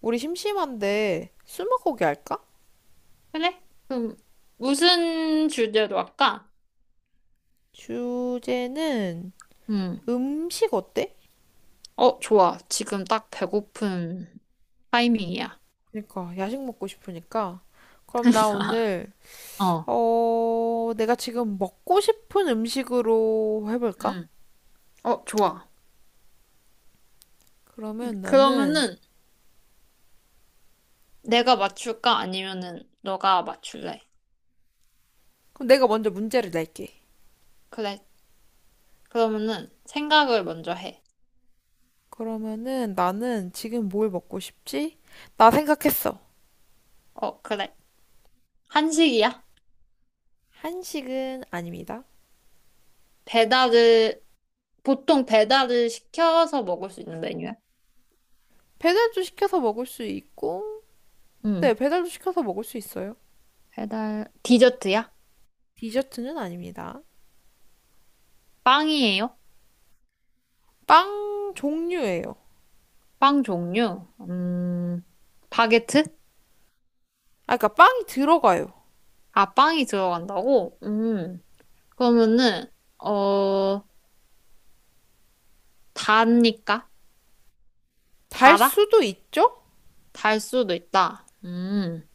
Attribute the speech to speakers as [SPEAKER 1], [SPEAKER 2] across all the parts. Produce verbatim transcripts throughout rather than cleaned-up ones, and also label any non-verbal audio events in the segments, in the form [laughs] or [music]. [SPEAKER 1] 우리 심심한데 스무고개 할까?
[SPEAKER 2] 그래? 그럼 무슨 주제로 할까?
[SPEAKER 1] 주제는
[SPEAKER 2] 음.
[SPEAKER 1] 음식 어때?
[SPEAKER 2] 어, 좋아. 지금 딱 배고픈 타이밍이야.
[SPEAKER 1] 그러니까 야식 먹고 싶으니까. 그럼 나
[SPEAKER 2] [laughs]
[SPEAKER 1] 오늘
[SPEAKER 2] 어.
[SPEAKER 1] 어 내가 지금 먹고 싶은 음식으로 해볼까?
[SPEAKER 2] 음. 어, 좋아.
[SPEAKER 1] 그러면 나는
[SPEAKER 2] 그러면은 내가 맞출까? 아니면은 너가 맞출래?
[SPEAKER 1] 그럼 내가 먼저 문제를 낼게.
[SPEAKER 2] 그래. 그러면은 생각을 먼저 해.
[SPEAKER 1] 그러면은 나는 지금 뭘 먹고 싶지? 나 생각했어.
[SPEAKER 2] 어, 그래. 한식이야?
[SPEAKER 1] 한식은 아닙니다.
[SPEAKER 2] 배달을 보통 배달을 시켜서 먹을 수 있는 메뉴야?
[SPEAKER 1] 배달도 시켜서 먹을 수 있고,
[SPEAKER 2] 음.
[SPEAKER 1] 네, 배달도 시켜서 먹을 수 있어요.
[SPEAKER 2] 배달 디저트야?
[SPEAKER 1] 디저트는 아닙니다.
[SPEAKER 2] 빵이에요?
[SPEAKER 1] 빵 종류예요.
[SPEAKER 2] 빵 종류? 음. 바게트?
[SPEAKER 1] 아, 그러니까 빵이 들어가요.
[SPEAKER 2] 아, 빵이 들어간다고? 음. 그러면은, 어, 답니까?
[SPEAKER 1] 달
[SPEAKER 2] 달아?
[SPEAKER 1] 수도 있죠?
[SPEAKER 2] 달 수도 있다. 음.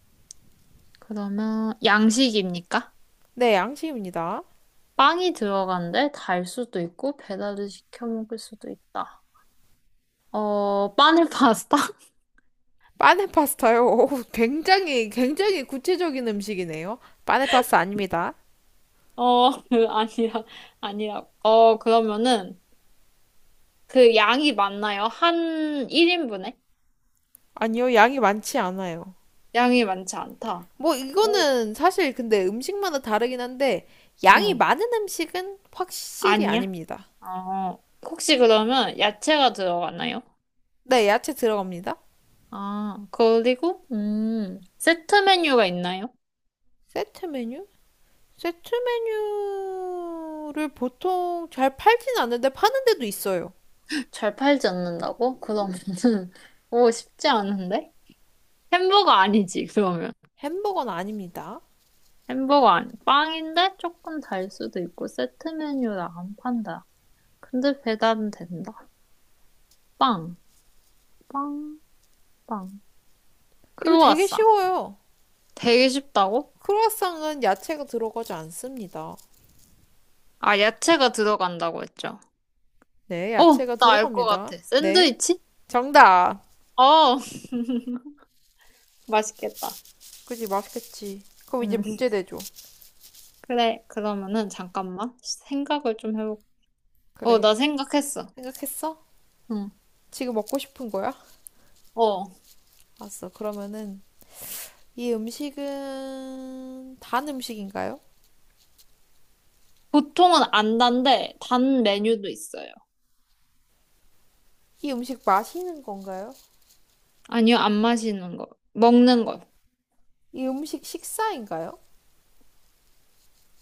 [SPEAKER 2] 그러면, 양식입니까?
[SPEAKER 1] 네, 양식입니다.
[SPEAKER 2] 빵이 들어간데 달 수도 있고, 배달을 시켜 먹을 수도 있다. 어, 바늘 파스타? [laughs]
[SPEAKER 1] 빠네 파스타요. [laughs] 오, 굉장히 굉장히 구체적인 음식이네요. 빠네 파스타 아닙니다.
[SPEAKER 2] 어, 그, 아니라, 아니라. 어, 그러면은, 그 양이 많나요? 한 일 인분에?
[SPEAKER 1] 아니요, 양이 많지 않아요.
[SPEAKER 2] 양이 많지 않다.
[SPEAKER 1] 뭐
[SPEAKER 2] 오.
[SPEAKER 1] 이거는 사실 근데 음식마다 다르긴 한데 양이
[SPEAKER 2] 응.
[SPEAKER 1] 많은 음식은 확실히
[SPEAKER 2] 아니야?
[SPEAKER 1] 아닙니다.
[SPEAKER 2] 어, 혹시 그러면 야채가 들어가나요?
[SPEAKER 1] 네, 야채 들어갑니다.
[SPEAKER 2] 아, 그리고, 음, 세트 메뉴가 있나요?
[SPEAKER 1] 세트 메뉴? 세트 메뉴를 보통 잘 팔진 않는데 파는 데도 있어요.
[SPEAKER 2] 잘 팔지 않는다고? 그러면은, [laughs] 오, 쉽지 않은데? 햄버거 아니지, 그러면.
[SPEAKER 1] 햄버거는 아닙니다.
[SPEAKER 2] 햄버거 아니, 빵인데 조금 달 수도 있고, 세트 메뉴라 안 판다. 근데 배달은 된다. 빵, 빵, 빵.
[SPEAKER 1] 이거 되게
[SPEAKER 2] 크로와상.
[SPEAKER 1] 쉬워요.
[SPEAKER 2] 되게 쉽다고?
[SPEAKER 1] 크루아상은 야채가 들어가지 않습니다.
[SPEAKER 2] 아, 야채가 들어간다고 했죠.
[SPEAKER 1] 네,
[SPEAKER 2] 어,
[SPEAKER 1] 야채가
[SPEAKER 2] 나 알 것
[SPEAKER 1] 들어갑니다.
[SPEAKER 2] 같아.
[SPEAKER 1] 네,
[SPEAKER 2] 샌드위치?
[SPEAKER 1] 정답.
[SPEAKER 2] 어, [laughs] 맛있겠다.
[SPEAKER 1] 그지, 맛있겠지. 그럼 이제
[SPEAKER 2] 음.
[SPEAKER 1] 문제 내줘.
[SPEAKER 2] 그래, 그러면은 잠깐만. 생각을 좀 해볼게. 어,
[SPEAKER 1] 그래.
[SPEAKER 2] 나 생각했어.
[SPEAKER 1] 생각했어?
[SPEAKER 2] 응.
[SPEAKER 1] 지금 먹고 싶은 거야?
[SPEAKER 2] 어.
[SPEAKER 1] 알았어. 그러면은 이 음식은 단 음식인가요?
[SPEAKER 2] 보통은 안 단데 단 메뉴도 있어요.
[SPEAKER 1] 이 음식 마시는 건가요?
[SPEAKER 2] 아니요, 안 마시는 거. 먹는 거.
[SPEAKER 1] 이 음식 식사인가요?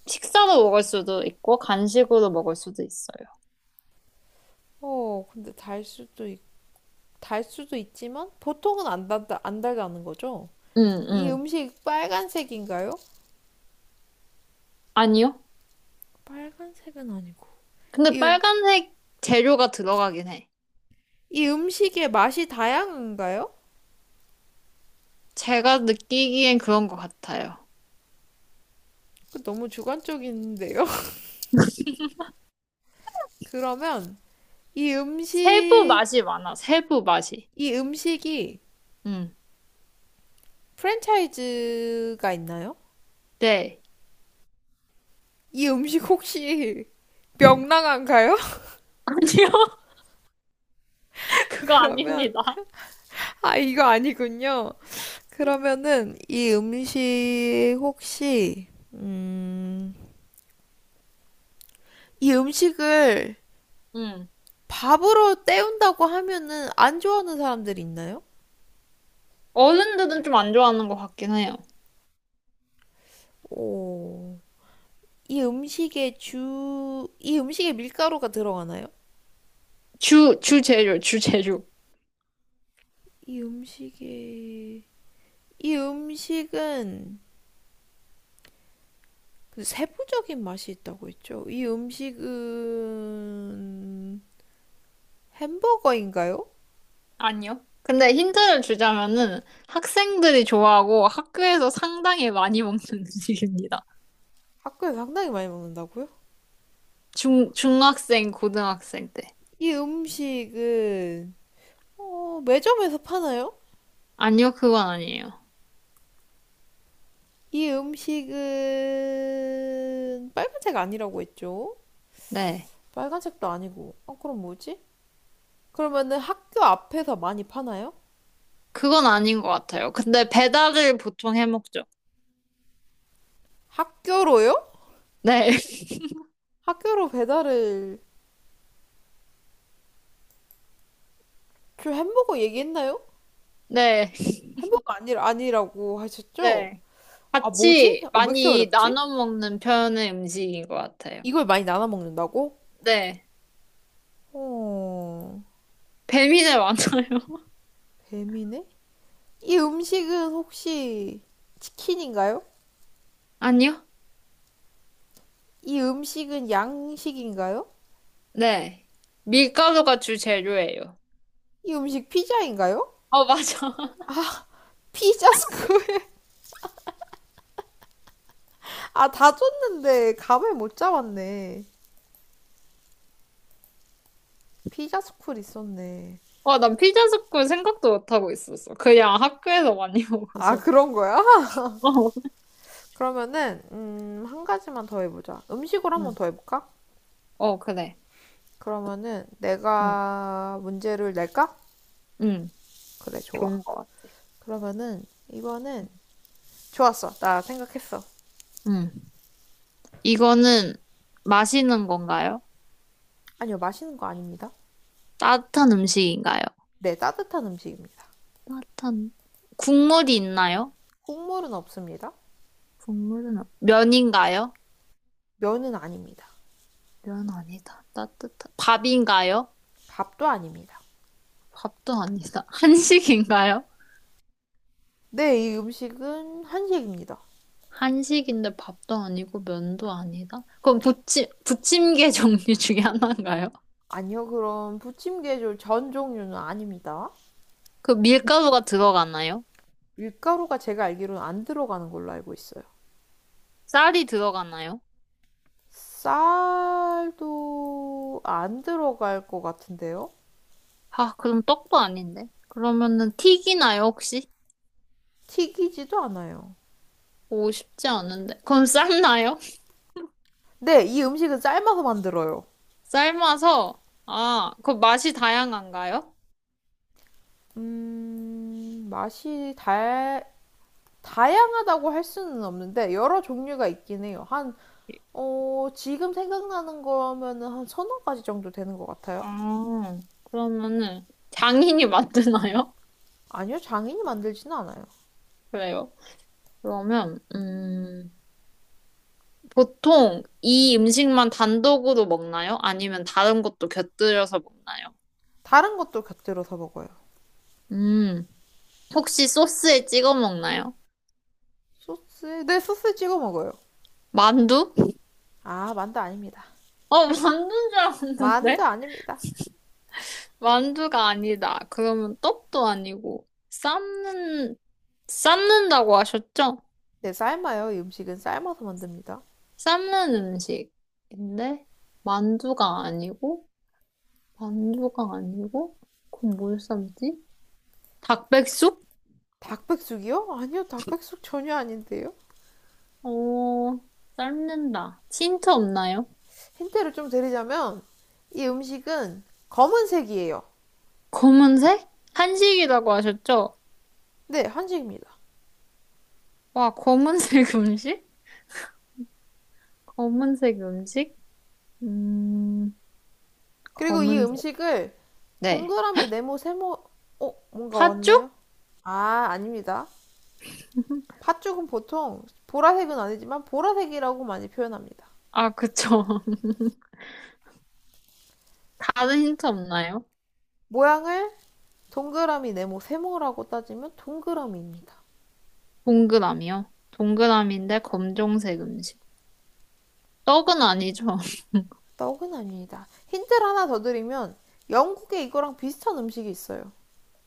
[SPEAKER 2] 식사로 먹을 수도 있고 간식으로 먹을 수도 있어요.
[SPEAKER 1] 어, 근데 달 수도 있, 달 수도 있지만 보통은 안 달다, 안 달다는 거죠?
[SPEAKER 2] 응,
[SPEAKER 1] 이
[SPEAKER 2] 응.
[SPEAKER 1] 음식 빨간색인가요?
[SPEAKER 2] 아니요.
[SPEAKER 1] 빨간색은 아니고.
[SPEAKER 2] 근데
[SPEAKER 1] 이,
[SPEAKER 2] 빨간색 재료가 들어가긴 해.
[SPEAKER 1] 이 음식의 맛이 다양한가요?
[SPEAKER 2] 제가 느끼기엔 그런 것 같아요.
[SPEAKER 1] 너무 주관적인데요. [laughs] 그러면 이
[SPEAKER 2] 세부
[SPEAKER 1] 음식,
[SPEAKER 2] 맛이 많아. 세부 맛이.
[SPEAKER 1] 이 음식이
[SPEAKER 2] 응.
[SPEAKER 1] 프랜차이즈가 있나요?
[SPEAKER 2] 네.
[SPEAKER 1] 이 음식 혹시 명랑한가요? [laughs]
[SPEAKER 2] [laughs] 아니요. [laughs] 그거
[SPEAKER 1] 그러면,
[SPEAKER 2] 아닙니다.
[SPEAKER 1] 아, 이거 아니군요. 그러면은 이 음식 혹시, 음, 이 음식을
[SPEAKER 2] 응.
[SPEAKER 1] 밥으로 때운다고 하면은 안 좋아하는 사람들이 있나요?
[SPEAKER 2] 어른들은 좀 안 좋아하는 것 같긴 해요.
[SPEAKER 1] 오, 이 음식에 주, 이 음식에 밀가루가 들어가나요?
[SPEAKER 2] 주, 주 재료, 주 재료.
[SPEAKER 1] 이 음식에, 이 음식은 그 세부적인 맛이 있다고 했죠. 이 음식은 햄버거인가요?
[SPEAKER 2] 아니요. 근데 힌트를 주자면은 학생들이 좋아하고 학교에서 상당히 많이 먹는 [laughs] 음식입니다.
[SPEAKER 1] 학교에서 상당히 많이 먹는다고요?
[SPEAKER 2] 중, 중학생, 고등학생 때.
[SPEAKER 1] 이 음식은 어, 매점에서 파나요?
[SPEAKER 2] 아니요, 그건 아니에요.
[SPEAKER 1] 이 음식은 빨간색 아니라고 했죠.
[SPEAKER 2] 네.
[SPEAKER 1] 빨간색도 아니고. 어, 그럼 뭐지? 그러면은 학교 앞에서 많이 파나요?
[SPEAKER 2] 그건 아닌 것 같아요. 근데 배달을 보통 해 먹죠.
[SPEAKER 1] 학교로요?
[SPEAKER 2] 네. [laughs]
[SPEAKER 1] 학교로 배달을 저 햄버거 얘기했나요?
[SPEAKER 2] 네.
[SPEAKER 1] 햄버거 아니 아니라고 하셨죠?
[SPEAKER 2] 네.
[SPEAKER 1] 아 뭐지?
[SPEAKER 2] 같이
[SPEAKER 1] 어, 왜 이렇게
[SPEAKER 2] 많이
[SPEAKER 1] 어렵지?
[SPEAKER 2] 나눠 먹는 편의 음식인 것 같아요.
[SPEAKER 1] 이걸 많이 나눠 먹는다고?
[SPEAKER 2] 네.
[SPEAKER 1] 어
[SPEAKER 2] 배민에 많아요. [laughs]
[SPEAKER 1] 뱀이네? 이 음식은 혹시 치킨인가요?
[SPEAKER 2] 아니요?
[SPEAKER 1] 이 음식은 양식인가요?
[SPEAKER 2] 네. 밀가루가 주재료예요.
[SPEAKER 1] 이 음식 피자인가요?
[SPEAKER 2] 어, 맞아.
[SPEAKER 1] 피자 스쿨 [laughs] 아 다 줬는데 감을 못 잡았네. 피자 스쿨 있었네.
[SPEAKER 2] 와, 난 피자 스쿨 생각도 못하고 있었어. 그냥 학교에서 많이 [laughs]
[SPEAKER 1] 아
[SPEAKER 2] 먹어서.
[SPEAKER 1] 그런 거야? [laughs]
[SPEAKER 2] 어,
[SPEAKER 1] 그러면은 음, 한 가지만 더 해보자. 음식으로 한번
[SPEAKER 2] 응.
[SPEAKER 1] 더 해볼까?
[SPEAKER 2] 어, 그래.
[SPEAKER 1] 그러면은
[SPEAKER 2] 응,
[SPEAKER 1] 내가 문제를 낼까?
[SPEAKER 2] 응.
[SPEAKER 1] 그래, 좋아.
[SPEAKER 2] 좋은 것 같아.
[SPEAKER 1] 그러면은 이번엔 좋았어. 나 생각했어.
[SPEAKER 2] 응. 이거는 마시는 건가요?
[SPEAKER 1] 아니요, 마시는 거 아닙니다.
[SPEAKER 2] 따뜻한 음식인가요?
[SPEAKER 1] 네, 따뜻한 음식입니다.
[SPEAKER 2] 따뜻한, 국물이 있나요?
[SPEAKER 1] 국물은 없습니다.
[SPEAKER 2] 국물은, 없- 면인가요?
[SPEAKER 1] 면은 아닙니다.
[SPEAKER 2] 면 아니다. 따뜻한, 밥인가요?
[SPEAKER 1] 밥도 아닙니다.
[SPEAKER 2] 밥도 아니다. [laughs] 한식인가요?
[SPEAKER 1] 네, 이 음식은 한식입니다.
[SPEAKER 2] 한식인데 밥도 아니고 면도 아니다? 그럼 부침, 부침개 [laughs] 종류 중에 하나인가요?
[SPEAKER 1] 아니요, 그럼 부침 개줄 전 종류는 아닙니다.
[SPEAKER 2] 그 밀가루가 들어가나요?
[SPEAKER 1] 밀가루가 제가 알기로는 안 들어가는 걸로 알고 있어요.
[SPEAKER 2] 쌀이 들어가나요?
[SPEAKER 1] 쌀도 안 들어갈 것 같은데요?
[SPEAKER 2] 아, 그럼 떡도 아닌데. 그러면은 튀기나요, 혹시?
[SPEAKER 1] 튀기지도 않아요.
[SPEAKER 2] 오, 쉽지 않은데. 그럼 삶나요? [laughs]
[SPEAKER 1] 네, 이 음식은 삶아서 만들어요.
[SPEAKER 2] 삶아서, 아, 그 맛이 다양한가요?
[SPEAKER 1] 음, 맛이 다, 다양하다고 할 수는 없는데, 여러 종류가 있긴 해요. 한, 어, 지금 생각나는 거면은 한 서너 가지 정도 되는 것 같아요.
[SPEAKER 2] 아, 그러면은 장인이 만드나요?
[SPEAKER 1] 아니요, 장인이 만들지는 않아요.
[SPEAKER 2] [laughs] 그래요. 그러면, 음, 보통 이 음식만 단독으로 먹나요? 아니면 다른 것도 곁들여서 먹나요?
[SPEAKER 1] 다른 것도 곁들여서 먹어요.
[SPEAKER 2] 음, 혹시 소스에 찍어 먹나요?
[SPEAKER 1] 소스, 네, 소스 찍어 먹어요.
[SPEAKER 2] 만두?
[SPEAKER 1] 아, 만두 아닙니다.
[SPEAKER 2] 어, 만두인 줄
[SPEAKER 1] 만두
[SPEAKER 2] 알았는데?
[SPEAKER 1] 아닙니다.
[SPEAKER 2] 만두가 아니다. 그러면 떡도 아니고, 삶는, 삶는다고 하셨죠?
[SPEAKER 1] 네, 삶아요. 이 음식은 삶아서 만듭니다.
[SPEAKER 2] 삶는 음식인데, 만두가 아니고, 만두가 아니고, 그럼 뭘 삶지? 닭백숙?
[SPEAKER 1] 닭백숙이요? 아니요, 닭백숙 전혀 아닌데요.
[SPEAKER 2] 어, 삶는다. 힌트 없나요?
[SPEAKER 1] 힌트를 좀 드리자면 이 음식은 검은색이에요.
[SPEAKER 2] 검은색? 한식이라고 하셨죠?
[SPEAKER 1] 네, 한식입니다.
[SPEAKER 2] 와, 검은색 [laughs] 음식? 검은색 음식? 음,
[SPEAKER 1] 그리고 이
[SPEAKER 2] 검은색.
[SPEAKER 1] 음식을
[SPEAKER 2] 네.
[SPEAKER 1] 동그라미, 네모, 세모, 어, 뭔가
[SPEAKER 2] 팥죽?
[SPEAKER 1] 왔나요? 아, 아닙니다. 팥죽은 보통 보라색은 아니지만 보라색이라고 많이 표현합니다.
[SPEAKER 2] 아, 그쵸. [laughs] 다른 힌트 없나요?
[SPEAKER 1] 모양을 동그라미, 네모, 세모라고 따지면 동그라미입니다.
[SPEAKER 2] 동그라미요. 동그라미인데 검정색 음식. 떡은 아니죠.
[SPEAKER 1] 떡은 아닙니다. 힌트를 하나 더 드리면 영국에 이거랑 비슷한 음식이 있어요.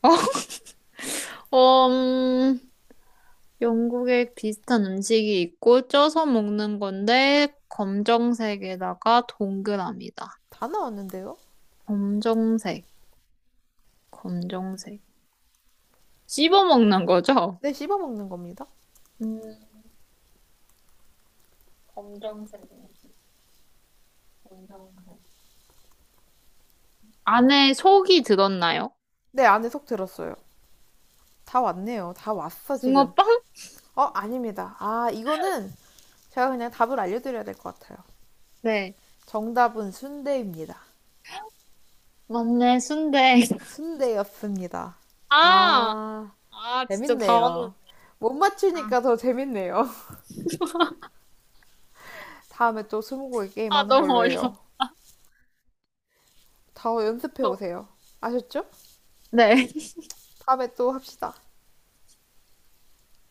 [SPEAKER 2] [laughs] 어, 음, 영국에 비슷한 음식이 있고 쪄서 먹는 건데 검정색에다가 동그라미다.
[SPEAKER 1] 다 나왔는데요?
[SPEAKER 2] 검정색, 검정색. 씹어 먹는 거죠?
[SPEAKER 1] 네, 씹어먹는 겁니다.
[SPEAKER 2] 음, 검정색 음식, 검정색. 안에 속이 들었나요?
[SPEAKER 1] 네, 안에 속 들었어요. 다 왔네요. 다 왔어, 지금.
[SPEAKER 2] 붕어빵?
[SPEAKER 1] 어, 아닙니다. 아, 이거는 제가 그냥 답을 알려드려야 될 것 같아요.
[SPEAKER 2] 네.
[SPEAKER 1] 정답은 순대입니다.
[SPEAKER 2] 맞네, 순대. [laughs]
[SPEAKER 1] 순대였습니다.
[SPEAKER 2] 아!
[SPEAKER 1] 아,
[SPEAKER 2] 아, 진짜 다 왔는데.
[SPEAKER 1] 재밌네요. 못
[SPEAKER 2] 아,
[SPEAKER 1] 맞추니까 더 재밌네요. [laughs] 다음에 또 스무고개 게임
[SPEAKER 2] 아,
[SPEAKER 1] 하는
[SPEAKER 2] 너무
[SPEAKER 1] 걸로 해요.
[SPEAKER 2] 어려워.
[SPEAKER 1] 다 연습해 오세요. 아셨죠?
[SPEAKER 2] 네.
[SPEAKER 1] 다음에 또 합시다.